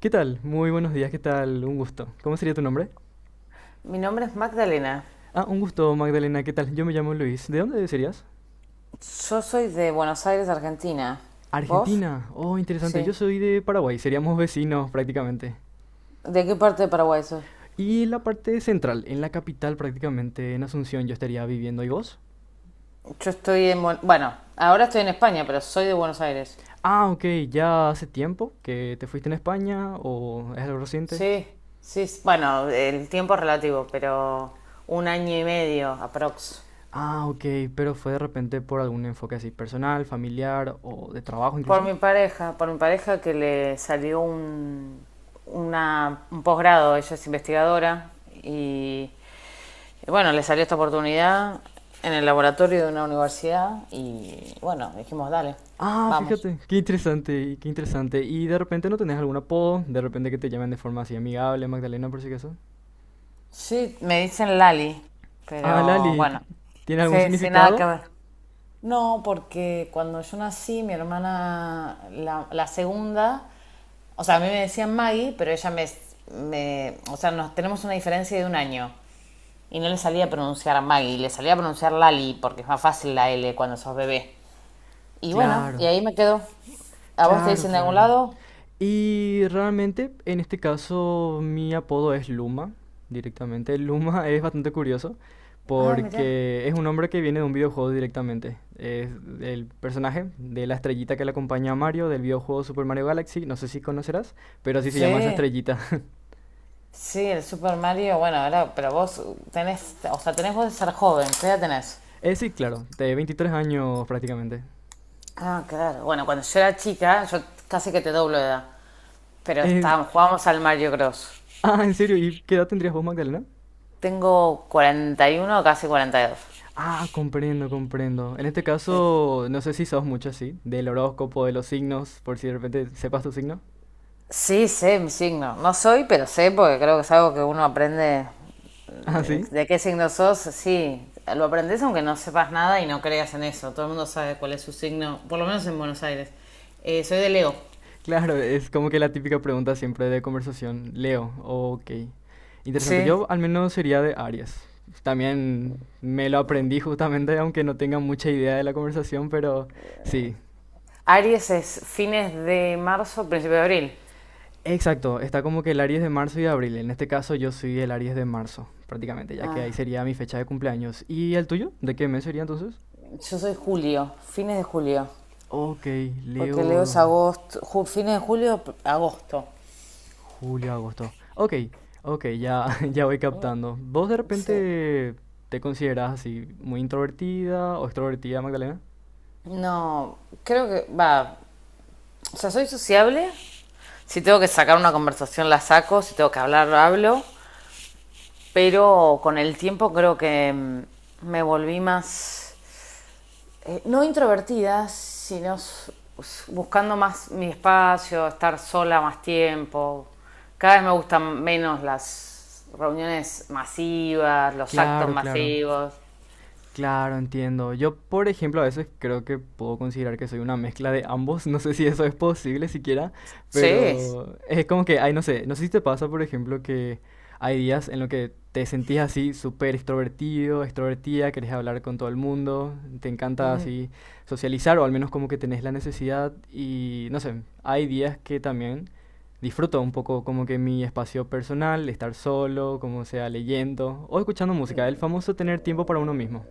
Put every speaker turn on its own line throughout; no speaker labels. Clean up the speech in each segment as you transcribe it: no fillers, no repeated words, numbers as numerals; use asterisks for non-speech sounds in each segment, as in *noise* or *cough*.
¿Qué tal? Muy buenos días, ¿qué tal? Un gusto. ¿Cómo sería tu nombre?
Mi nombre es Magdalena.
Ah, un gusto, Magdalena, ¿qué tal? Yo me llamo Luis. ¿De dónde serías?
Yo soy de Buenos Aires, Argentina. ¿Vos?
Argentina. Oh, interesante. Yo
Sí.
soy de Paraguay, seríamos vecinos prácticamente.
¿De qué parte de Paraguay sos?
Y la parte central, en la capital prácticamente, en Asunción, yo estaría viviendo. ¿Y vos?
Yo estoy en... Buen- Bueno, ahora estoy en España, pero soy de Buenos Aires.
Ah, ok, ¿ya hace tiempo que te fuiste en España o es algo reciente?
Sí, sí. Bueno, el tiempo es relativo, pero un año y medio aprox.
Ah, ok, pero fue de repente por algún enfoque así, personal, familiar o de trabajo incluso.
Por mi pareja que le salió un posgrado, ella es investigadora y Y bueno, le salió esta oportunidad en el laboratorio de una universidad y bueno, dijimos, dale,
Ah,
vamos.
fíjate, qué interesante, qué interesante. ¿Y de repente no tenés algún apodo? ¿De repente que te llamen de forma así amigable, Magdalena, por si acaso?
Sí, me dicen Lali,
Ah,
pero
Lali,
bueno,
¿tiene algún
sí, sí, nada que
significado?
ver. No, porque cuando yo nací, mi hermana, la segunda, o sea, a mí me decían Maggie, pero ella o sea, nos tenemos una diferencia de un año. Y no le salía a pronunciar Maggie, le salía a pronunciar Lali, porque es más fácil la L cuando sos bebé. Y bueno, y
Claro.
ahí me quedo. ¿A vos te
Claro,
dicen de algún
claro.
lado?
Y realmente, en este caso, mi apodo es Luma, directamente. Luma *laughs* es bastante curioso
Ah, mirá.
porque es un nombre que viene de un videojuego directamente. Es el personaje de la estrellita que le acompaña a Mario del videojuego Super Mario Galaxy. No sé si conocerás, pero así se
Sí,
llama esa estrellita. *laughs*
sí, el Super Mario. Bueno, ahora, pero vos tenés, o sea, tenés vos de ser joven, ¿qué edad tenés?
Sí, claro, de 23 años prácticamente.
Ah, claro. Bueno, cuando yo era chica, yo casi que te doblo de edad. Pero
Eh,
estábamos, jugábamos al Mario Bros.
ah, ¿en serio? ¿Y qué edad tendrías vos, Magdalena?
Tengo 41, casi 42.
Ah, comprendo, comprendo. En este
Sí, sí.
caso, no sé si sos mucho así, del horóscopo, de los signos, por si de repente sepas tu signo. *laughs*
Sí, sé mi signo. No soy, pero sé porque creo que es algo que uno aprende.
Ah, sí.
¿De qué signo sos? Sí, lo aprendes aunque no sepas nada y no creas en eso. Todo el mundo sabe cuál es su signo, por lo menos en Buenos Aires. Soy de Leo.
Claro, es como que la típica pregunta siempre de conversación. Leo, ok. Interesante.
Sí.
Yo al menos sería de Aries. También me lo aprendí justamente, aunque no tenga mucha idea de la conversación, pero sí.
Aries es fines de marzo, principio de abril.
Exacto, está como que el Aries de marzo y de abril. En este caso yo soy el Aries de marzo, prácticamente, ya que ahí
Ah,
sería mi fecha de cumpleaños. ¿Y el tuyo? ¿De qué mes sería entonces?
yo soy julio, fines de julio.
Ok,
Porque Leo es
Leo,
agosto, fines de julio, agosto.
julio, agosto. Ok, ok, ya, *laughs* ya voy captando. ¿Vos de
Sí.
repente te consideras así muy introvertida o extrovertida, Magdalena?
No, creo que va. O sea, soy sociable. Si tengo que sacar una conversación, la saco. Si tengo que hablar, hablo. Pero con el tiempo creo que me volví más no introvertida, sino buscando más mi espacio, estar sola más tiempo. Cada vez me gustan menos las reuniones masivas, los actos
Claro, claro.
masivos.
Claro, entiendo. Yo, por ejemplo, a veces creo que puedo considerar que soy una mezcla de ambos. *laughs* No sé si eso es posible siquiera,
Sí,
pero es como que, ay, no sé, no sé si te pasa, por ejemplo, que hay días en los que te sentís así súper extrovertido, extrovertida, querés hablar con todo el mundo, te encanta
mm,
así socializar o al menos como que tenés la necesidad y, no sé, hay días que también disfruto un poco como que mi espacio personal, estar solo, como sea leyendo o escuchando música, el famoso tener tiempo para uno mismo.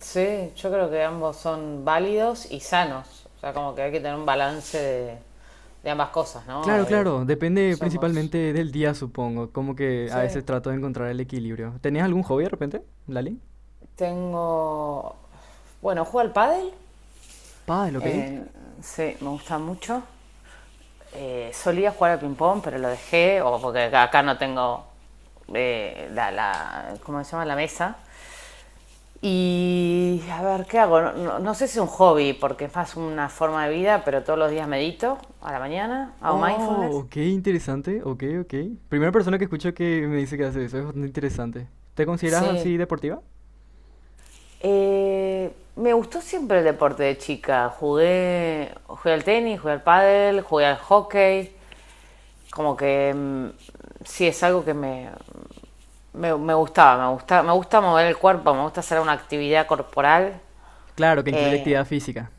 sí, yo creo que ambos son válidos y sanos. O sea, como que hay que tener un balance de ambas cosas, ¿no?
Claro, claro, depende
Somos.
principalmente del día, supongo. Como que a
Sí,
veces trato de encontrar el equilibrio. ¿Tenías algún hobby de repente, Lali?
tengo. Bueno, juego al pádel.
Pádel, ok.
Eh, sí, me gusta mucho. Solía jugar al ping-pong, pero lo dejé, o porque acá no tengo ¿cómo se llama? La mesa. Y a ver, ¿qué hago? No, no sé si es un hobby, porque es más una forma de vida, pero todos los días medito a la mañana, hago
Oh,
mindfulness.
ok, interesante, ok, ok. Primera persona que escucho que me dice que hace eso, es bastante interesante. ¿Te consideras así
Sí.
deportiva?
Me gustó siempre el deporte de chica. Jugué al tenis, jugué al pádel, jugué al hockey. Como que sí es algo que me gustaba, me gusta mover el cuerpo, me gusta hacer una actividad corporal.
Claro, que incluye
Eh,
actividad física.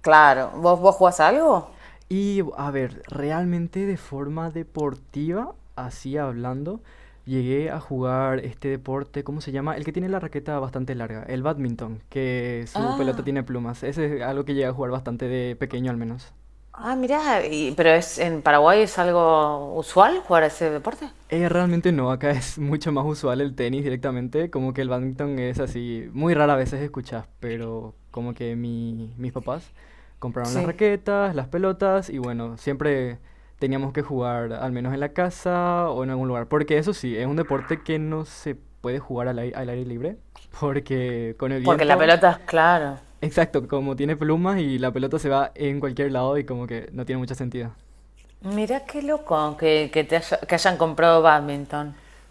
claro, ¿vos jugás a algo?
Y a ver, realmente de forma deportiva, así hablando, llegué a jugar este deporte, ¿cómo se llama? El que tiene la raqueta bastante larga, el badminton, que su pelota
Ah,
tiene plumas. Ese es algo que llegué a jugar bastante de pequeño al menos.
ah, mirá, pero es en Paraguay es algo usual jugar a ese deporte.
Realmente no, acá es mucho más usual el tenis directamente, como que el badminton es así, muy rara a veces escuchas, pero como que mis papás compraron las
Sí.
raquetas, las pelotas y bueno, siempre teníamos que jugar al menos en la casa o en algún lugar, porque eso sí, es un deporte que no se puede jugar al aire libre, *laughs* porque con el Porque
Porque la
viento,
pelota, es claro.
exacto, como tiene plumas y la pelota se va en cualquier lado y como que no tiene mucho sentido.
Mirá qué loco que hayan comprado bádminton.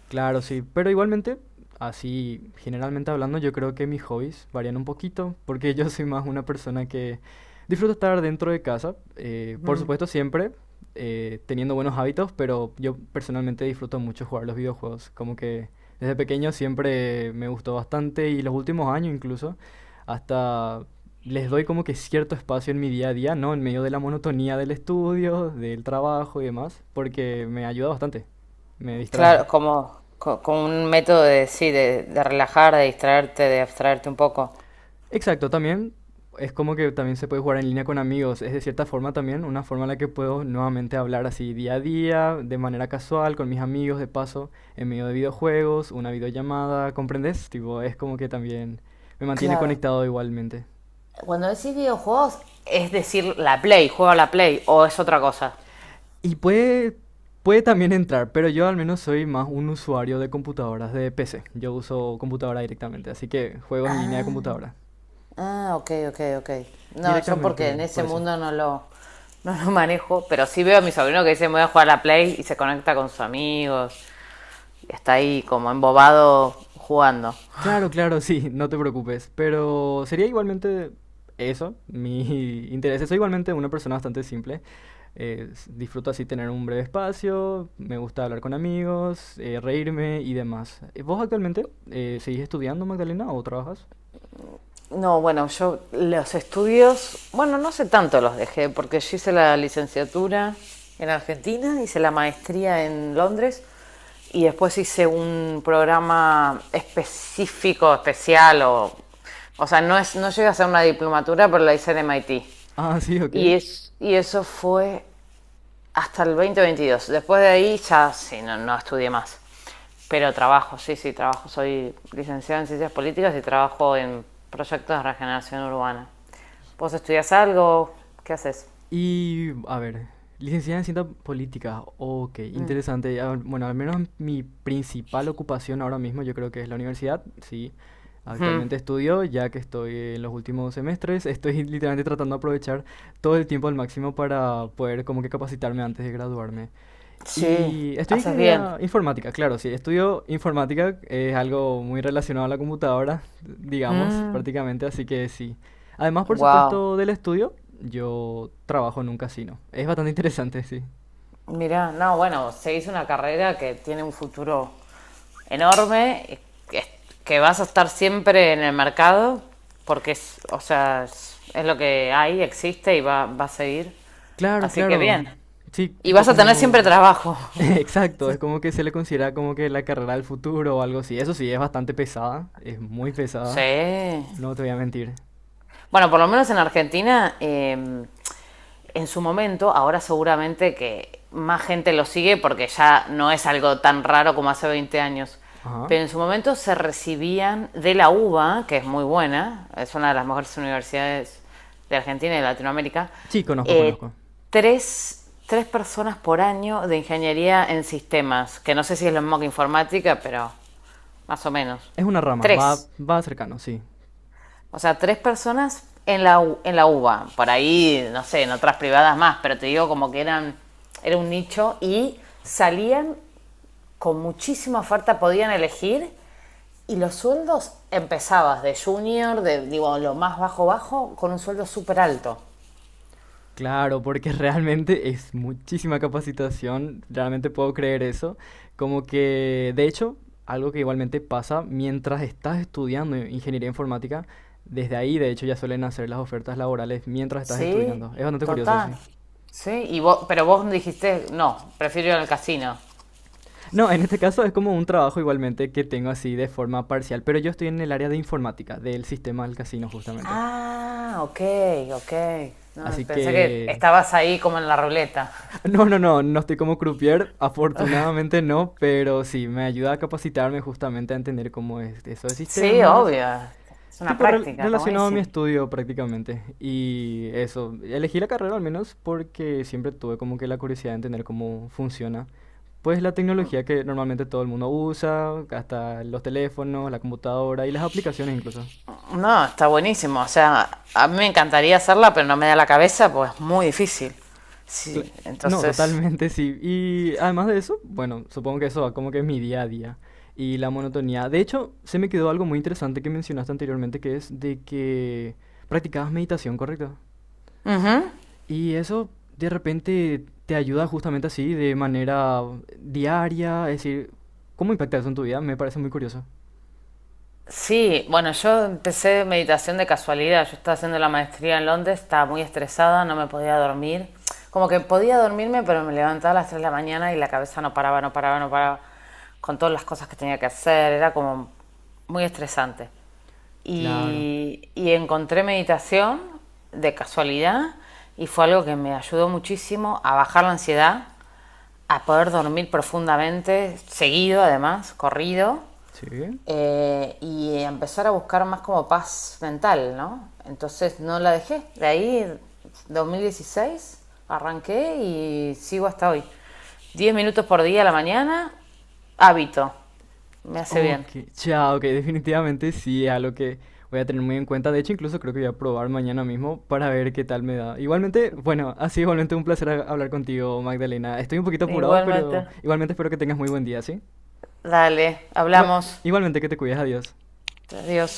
Claro, sí, pero igualmente, así generalmente hablando, yo creo que mis hobbies varían un poquito, porque *laughs* yo soy más una persona que disfruto estar dentro de casa, por
Ujú.
supuesto siempre teniendo buenos hábitos, pero yo personalmente disfruto mucho jugar los videojuegos, como que desde pequeño siempre me gustó bastante y los últimos años incluso, hasta les doy como que cierto espacio en mi día a día, ¿no? En medio de la monotonía del estudio, del trabajo y demás, porque me ayuda bastante, me
Claro,
distrae.
como un método de, sí, de relajar, de distraerte, de abstraerte un poco.
Exacto, también es como que también se puede jugar en línea con amigos. Es de cierta forma también una forma en la que puedo nuevamente hablar así día a día, de manera casual, con mis amigos, de paso, en medio de videojuegos, una videollamada, ¿comprendes? Tipo, es como que también me mantiene
Claro.
conectado igualmente.
Cuando decís videojuegos, es decir, la Play, ¿juego a la Play, o es otra cosa?
Y puede también entrar, pero yo al menos soy más un usuario de computadoras, de PC. Yo uso computadora directamente, así que juegos en línea de
Ah,
computadora.
ah, ok, ok, ok. No, yo porque en
Directamente,
ese
por eso.
mundo no lo manejo, pero sí veo a mi sobrino que dice me voy a jugar a la Play y se conecta con sus amigos y está ahí como embobado jugando.
Claro, claro, sí, *laughs* no te preocupes. Pero sería igualmente eso, mi *laughs* interés. Soy igualmente una persona bastante simple. Disfruto así tener un breve espacio, me gusta hablar con amigos, reírme y demás. ¿Vos actualmente seguís estudiando, Magdalena, o trabajas?
No, bueno, yo los estudios, bueno, no sé tanto los dejé, porque yo hice la licenciatura en Argentina, hice la maestría en Londres y después hice un programa específico, especial, o sea, no llegué a hacer una diplomatura, pero la hice en MIT.
Ah, sí, ok.
Y eso fue hasta el 2022. Después de ahí ya sí, no estudié más. Pero trabajo, sí, sí, trabajo. Soy licenciada en Ciencias Políticas y trabajo en proyectos de regeneración urbana. ¿Vos estudias algo? ¿Qué haces?
Y, a ver, licenciada en Ciencias Políticas, ok,
Mm.
interesante. Ah, bueno, al menos mi principal ocupación ahora mismo yo creo que es la universidad, sí.
Ujú.
Actualmente estudio, ya que estoy en los últimos semestres, estoy *laughs* literalmente tratando de aprovechar todo el tiempo al máximo para poder como que capacitarme antes de graduarme.
Sí,
Y estudio
haces bien.
ingeniería informática, claro, sí. Estudio informática, es algo muy relacionado a la computadora, digamos,
Mm.
prácticamente, así que sí. Además, por
Wow.
supuesto, del estudio, yo trabajo en un casino. Es bastante interesante, sí.
Mirá, no, bueno, se hizo una carrera que tiene un futuro enorme, y que, que vas a estar siempre en el mercado, porque o sea, es lo que hay, existe y va a seguir.
Claro,
Así que
claro.
bien.
Sí,
Y
tipo
vas a tener siempre
como...
trabajo.
*laughs*
*laughs*
Exacto, es como que se le considera como que la carrera del futuro o algo así. Eso sí, es bastante pesada, es muy pesada,
Sí.
no te voy a mentir.
Bueno, por lo menos en Argentina, en su momento, ahora seguramente que más gente lo sigue porque ya no es algo tan raro como hace 20 años.
Ajá.
Pero en su momento se recibían de la UBA, que es muy buena, es una de las mejores universidades de Argentina y de Latinoamérica,
Sí, conozco,
eh,
conozco.
tres personas por año de ingeniería en sistemas, que no sé si es lo mismo que informática, pero más o menos.
Es una rama, va,
Tres.
va cercano, sí.
O sea, tres personas en la UBA. Por ahí, no sé, en otras privadas más, pero te digo como que era un nicho y salían con muchísima oferta, podían elegir y los sueldos empezabas de junior, de digo, lo más bajo bajo, con un sueldo súper alto.
Claro, porque *laughs* realmente es muchísima capacitación, realmente puedo creer eso. Como que, de hecho, algo que igualmente pasa mientras estás estudiando ingeniería informática, desde ahí de hecho ya suelen hacer las ofertas laborales mientras estás
Sí,
estudiando. Es bastante curioso, sí.
total. Sí, pero vos dijiste, no, prefiero ir al casino.
No, en este caso es como un trabajo igualmente que tengo así de forma parcial, pero yo estoy en el área de informática, del sistema del casino justamente.
Ah, ok, ok. No,
Así
pensé que
que...
estabas ahí como en la ruleta.
No, no, no, no estoy como croupier, afortunadamente no, pero sí, me ayuda a capacitarme justamente a entender cómo es eso de
Sí,
sistemas,
obvio. Es una
tipo
práctica, está
relacionado a mi
buenísimo.
estudio prácticamente. Y eso, elegí la carrera al menos porque siempre tuve como que la curiosidad de entender cómo funciona. Pues la tecnología que normalmente todo el mundo usa, hasta los teléfonos, la computadora y las aplicaciones incluso.
No, está buenísimo. O sea, a mí me encantaría hacerla, pero no me da la cabeza, pues es muy difícil.
Cla-
Sí,
No,
entonces.
totalmente sí. Y además de eso, bueno, supongo que eso va como que es mi día a día y la monotonía. De hecho, se me quedó algo muy interesante que mencionaste anteriormente, que es de que practicabas meditación, ¿correcto?
Ujú.
Y eso de repente te ayuda justamente así, de manera diaria, es decir, ¿cómo impacta eso en tu vida? Me parece muy curioso.
Sí, bueno, yo empecé meditación de casualidad. Yo estaba haciendo la maestría en Londres, estaba muy estresada, no me podía dormir. Como que podía dormirme, pero me levantaba a las 3 de la mañana y la cabeza no paraba, no paraba, no paraba. Con todas las cosas que tenía que hacer, era como muy estresante.
Claro.
Y encontré meditación de casualidad y fue algo que me ayudó muchísimo a bajar la ansiedad, a poder dormir profundamente, seguido además, corrido,
Sí.
y empezar a buscar más como paz mental, ¿no? Entonces no la dejé. De ahí, 2016, arranqué y sigo hasta hoy. 10 minutos por día a la mañana, hábito. Me hace
Ok,
bien.
ya, ok, definitivamente sí, es algo que voy a tener muy en cuenta. De hecho, incluso creo que voy a probar mañana mismo para ver qué tal me da. Igualmente, bueno, ha sido igualmente un placer hablar contigo, Magdalena. Estoy un poquito apurado,
Igualmente.
pero igualmente espero que tengas muy buen día, ¿sí?
Dale,
Igual,
hablamos.
igualmente que te cuides, adiós.
Adiós.